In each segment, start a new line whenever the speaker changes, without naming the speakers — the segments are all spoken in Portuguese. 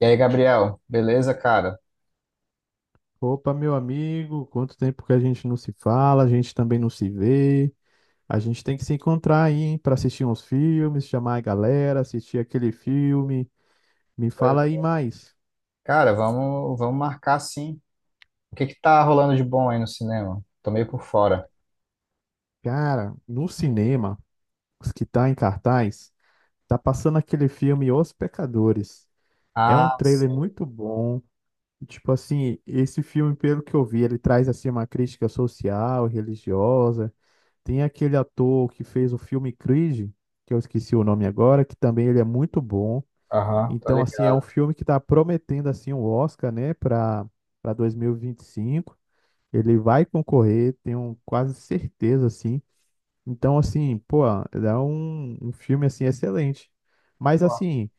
E aí, Gabriel, beleza, cara?
Opa, meu amigo, quanto tempo que a gente não se fala, a gente também não se vê. A gente tem que se encontrar aí, hein, para assistir uns filmes, chamar a galera, assistir aquele filme. Me fala
Pois-
aí mais.
Cara, vamos marcar sim. O que que tá rolando de bom aí no cinema? Tô meio por fora.
Cara, no cinema, os que tá em cartaz, tá passando aquele filme Os Pecadores. É um
Ah,
trailer
sim.
muito bom. Tipo assim, esse filme, pelo que eu vi, ele traz assim uma crítica social, religiosa. Tem aquele ator que fez o filme Creed, que eu esqueci o nome agora, que também ele é muito bom.
Aham, tô
Então, assim, é um
ligado.
filme que está prometendo assim um Oscar, né, para 2025. Ele vai concorrer, tenho quase certeza, assim. Então, assim, pô, é um filme assim excelente. Mas
Pô,
assim,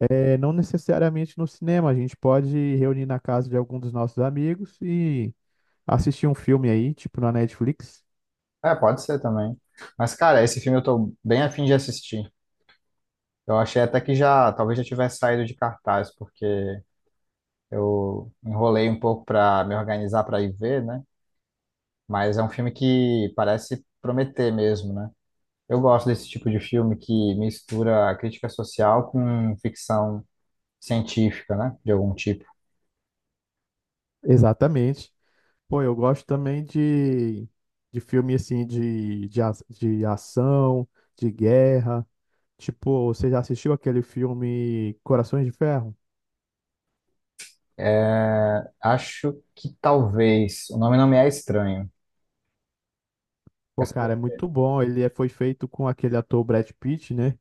é, não necessariamente no cinema, a gente pode reunir na casa de algum dos nossos amigos e assistir um filme aí, tipo na Netflix.
é, pode ser também. Mas, cara, esse filme eu tô bem afim de assistir. Eu achei até que já, talvez já tivesse saído de cartaz, porque eu enrolei um pouco pra me organizar pra ir ver, né? Mas é um filme que parece prometer mesmo, né? Eu gosto desse tipo de filme que mistura a crítica social com ficção científica, né? De algum tipo.
Exatamente. Pô, eu gosto também de filme assim de ação, de guerra. Tipo, você já assistiu aquele filme Corações de Ferro?
É, acho que talvez. O nome não me é estranho.
Pô,
Essa-
cara, é muito bom. Ele foi feito com aquele ator Brad Pitt, né?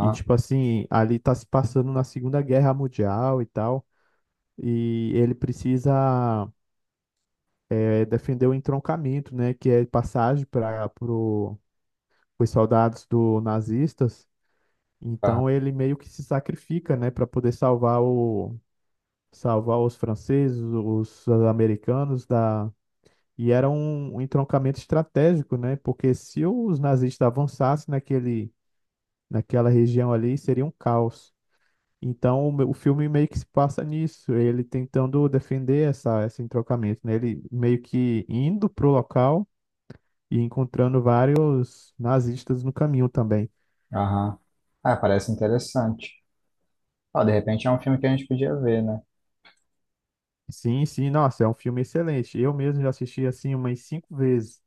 E tipo assim, ali tá se passando na Segunda Guerra Mundial e tal. E ele precisa é, defender o entroncamento, né? Que é passagem para os soldados do nazistas.
aham,
Então ele meio que se sacrifica, né, para poder salvar os franceses, os americanos da e era um entroncamento estratégico, né? Porque se os nazistas avançassem naquele naquela região ali, seria um caos. Então o filme meio que se passa nisso, ele tentando defender essa esse entroncamento, né? Ele meio que indo pro local e encontrando vários nazistas no caminho também.
aham. Ah, parece interessante. Ó, de repente é um filme que a gente podia ver, né?
Sim, sim, nossa, é um filme excelente. Eu mesmo já assisti assim umas cinco vezes.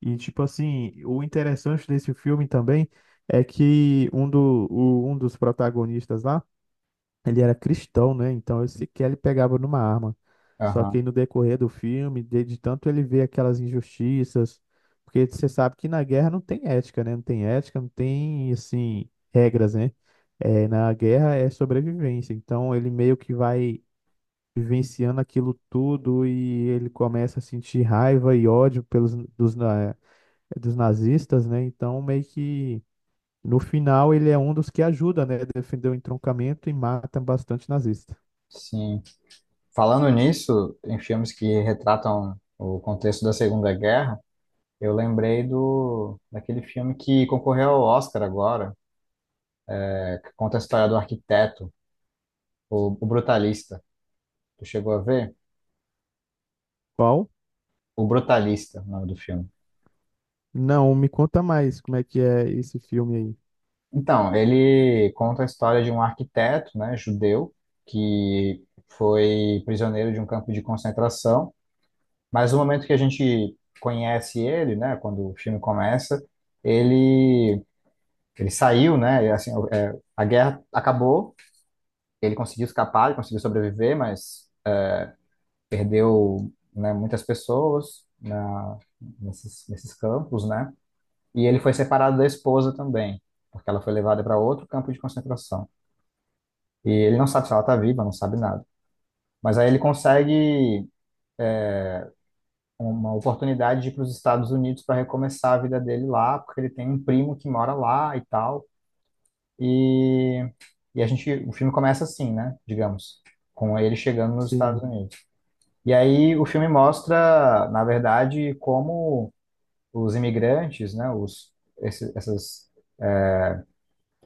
E tipo assim, o interessante desse filme também é que um dos protagonistas lá, ele era cristão, né? Então ele sequer ele pegava numa arma. Só que
Aham,
aí no decorrer do filme, de tanto ele vê aquelas injustiças, porque você sabe que na guerra não tem ética, né? Não tem ética, não tem assim regras, né? É, na guerra é sobrevivência. Então ele meio que vai vivenciando aquilo tudo e ele começa a sentir raiva e ódio dos nazistas, né? Então, meio que no final ele é um dos que ajuda, né? Defender o entroncamento e mata bastante nazista.
sim. Falando nisso, em filmes que retratam o contexto da Segunda Guerra, eu lembrei do daquele filme que concorreu ao Oscar agora, que conta a história do arquiteto, o Brutalista. Tu chegou a ver?
Qual?
O Brutalista, o nome do filme.
Não, me conta mais como é que é esse filme aí.
Então, ele conta a história de um arquiteto, né, judeu, que foi prisioneiro de um campo de concentração, mas no momento que a gente conhece ele, né, quando o filme começa, ele ele saiu, né, e assim, o- é, a guerra acabou, ele conseguiu escapar, ele conseguiu sobreviver, mas perdeu, né, muitas pessoas na, nesses campos, né, e ele foi separado da esposa também, porque ela foi levada para outro campo de concentração. E ele não sabe se ela está viva, não sabe nada. Mas aí ele consegue uma oportunidade de ir para os Estados Unidos para recomeçar a vida dele lá, porque ele tem um primo que mora lá e tal. E, e a gente, o filme começa assim, né? Digamos, com ele chegando nos Estados
Sim.
Unidos. E aí o filme mostra, na verdade, como os imigrantes, né? Os, esses, essas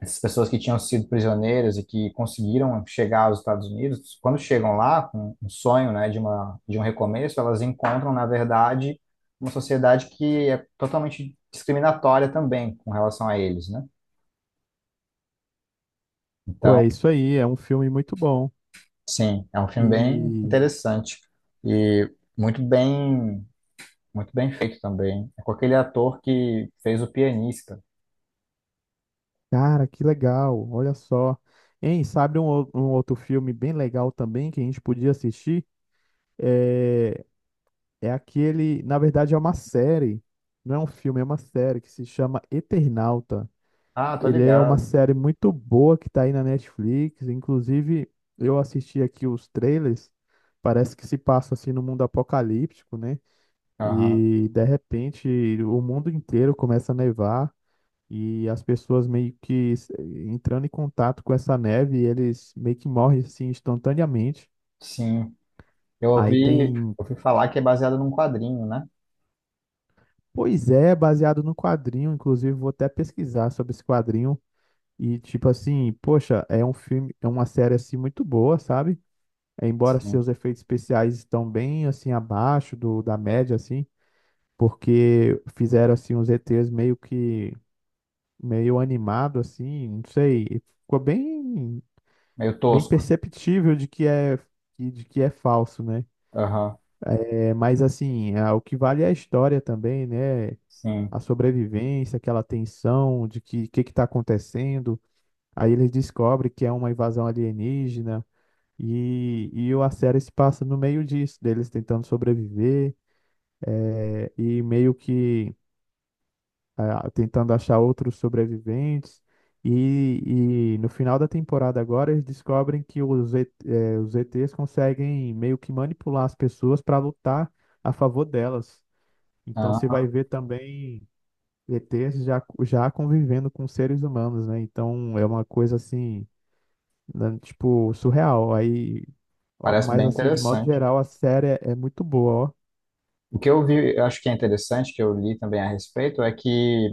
essas pessoas que tinham sido prisioneiras e que conseguiram chegar aos Estados Unidos, quando chegam lá com um sonho, né, de uma de um recomeço, elas encontram, na verdade, uma sociedade que é totalmente discriminatória também com relação a eles, né?
Pô,
Então,
é isso aí, é um filme muito bom.
sim, é um filme bem
E,
interessante e muito bem muito bem feito também. É com aquele ator que fez o pianista.
cara, que legal, olha só. Hein, sabe um outro filme bem legal também que a gente podia assistir? É, É aquele, na verdade, é uma série, não é um filme, é uma série que se chama Eternauta.
Ah, tô
Ele é uma
ligado.
série muito boa que tá aí na Netflix. Inclusive, eu assisti aqui os trailers. Parece que se passa assim no mundo apocalíptico, né?
Aham.
E de repente o mundo inteiro começa a nevar e as pessoas meio que entrando em contato com essa neve, eles meio que morrem assim instantaneamente.
Sim. Eu
Aí
ouvi,
tem
ouvi falar que é baseado num quadrinho, né?
Pois é, baseado no quadrinho, inclusive vou até pesquisar sobre esse quadrinho e tipo assim, poxa, é um filme, é uma série assim muito boa, sabe? É, embora seus efeitos especiais estão bem assim abaixo do da média assim, porque fizeram assim os ETs meio que meio animado assim, não sei, e ficou bem
Meio
bem
tosco.
perceptível de que é falso, né?
Aham,
É, mas assim, o que vale é a história também, né?
sim.
A sobrevivência, aquela tensão de que está acontecendo. Aí eles descobrem que é uma invasão alienígena e a série se passa no meio disso, deles tentando sobreviver e meio que tentando achar outros sobreviventes. E, e no final da temporada agora eles descobrem que os ETs conseguem meio que manipular as pessoas para lutar a favor delas. Então você
Ah,
vai ver também ETs já convivendo com seres humanos, né? Então é uma coisa assim, né, tipo, surreal. Aí, ó,
parece
mas
bem
assim, de modo
interessante.
geral, a série é muito boa, ó.
O que eu vi, eu acho que é interessante, que eu li também a respeito, é que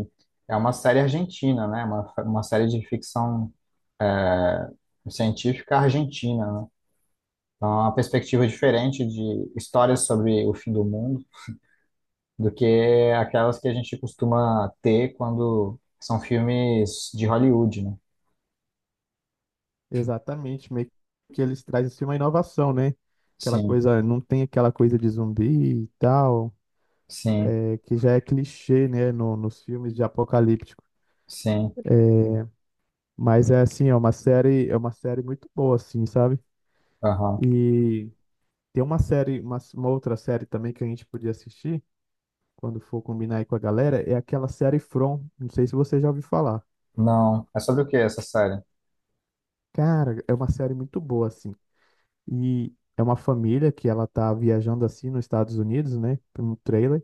é uma série argentina, né? Uma série de ficção é, científica argentina, né? Então, é uma perspectiva diferente de histórias sobre o fim do mundo do que aquelas que a gente costuma ter quando são filmes de Hollywood, né?
Exatamente, meio que eles trazem assim, uma inovação, né? Aquela
Sim,
coisa, não tem aquela coisa de zumbi e tal,
sim,
que já é clichê, né, no, nos filmes de apocalíptico.
sim.
Mas é assim, é uma série muito boa, assim, sabe?
Aham.
E tem uma série, uma outra série também que a gente podia assistir quando for combinar aí com a galera, é aquela série From. Não sei se você já ouviu falar.
Não. É sobre o que essa série?
Cara, é uma série muito boa, assim. E é uma família que ela tá viajando assim nos Estados Unidos, né? Um trailer.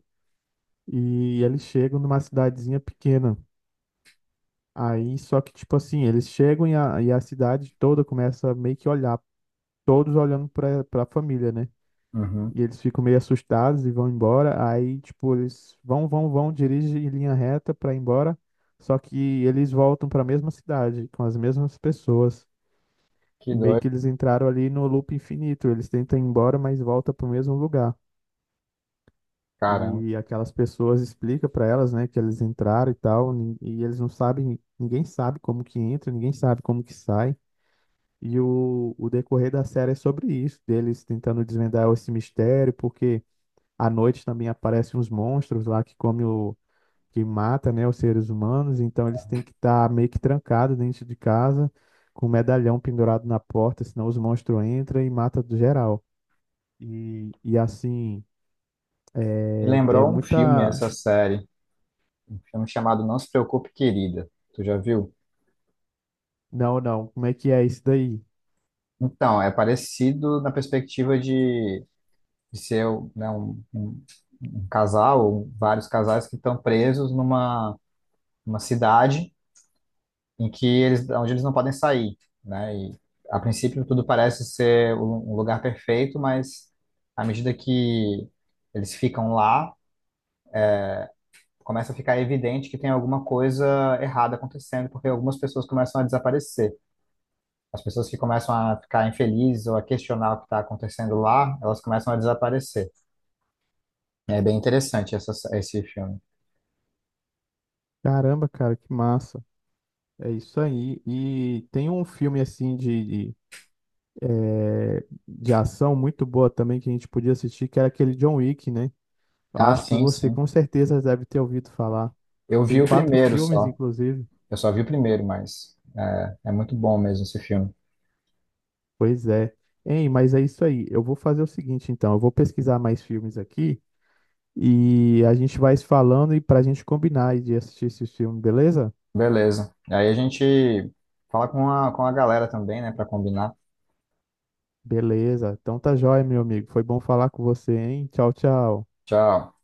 E eles chegam numa cidadezinha pequena. Aí, só que, tipo assim, eles chegam e a cidade toda começa a meio que olhar, todos olhando pra família, né?
Uhum.
E eles ficam meio assustados e vão embora. Aí, tipo, eles dirigem em linha reta pra ir embora. Só que eles voltam pra mesma cidade, com as mesmas pessoas.
Que
E meio
doido,
que eles entraram ali no loop infinito. Eles tentam ir embora, mas volta pro mesmo lugar.
cara.
E aquelas pessoas explicam pra elas, né, que eles entraram e tal. E eles não sabem, ninguém sabe como que entra, ninguém sabe como que sai. E o decorrer da série é sobre isso, deles tentando desvendar esse mistério, porque. À noite também aparecem uns monstros lá que come o que mata, né, os seres humanos, então eles têm que estar meio que trancados dentro de casa, com um medalhão pendurado na porta, senão os monstros entram e matam do geral. E assim,
Me
é
lembrou um filme,
muita.
essa série, um filme chamado Não Se Preocupe, Querida. Tu já viu?
Não, não, como é que é isso daí?
Então, é parecido na perspectiva de ser né, um- um casal, vários casais que estão presos numa, numa cidade em que eles, onde eles não podem sair, né? E a princípio tudo parece ser um um lugar perfeito, mas à medida que eles ficam lá, começa a ficar evidente que tem alguma coisa errada acontecendo, porque algumas pessoas começam a desaparecer. As pessoas que começam a ficar infelizes ou a questionar o que está acontecendo lá, elas começam a desaparecer. É bem interessante essa, esse filme.
Caramba, cara, que massa. É isso aí. E tem um filme assim de ação muito boa também que a gente podia assistir, que era aquele John Wick, né?
Ah,
Acho que
sim,
você
sim.
com certeza deve ter ouvido falar.
Eu vi
Tem
o
quatro
primeiro
filmes,
só.
inclusive.
Eu só vi o primeiro, mas é, é muito bom mesmo esse filme.
Pois é. Hein, mas é isso aí. Eu vou fazer o seguinte, então. Eu vou pesquisar mais filmes aqui e a gente vai se falando e pra gente combinar de assistir esse filme, beleza?
Beleza. Aí a gente fala com a galera também, né, para combinar.
Beleza. Então tá jóia, meu amigo. Foi bom falar com você, hein? Tchau, tchau.
Tchau.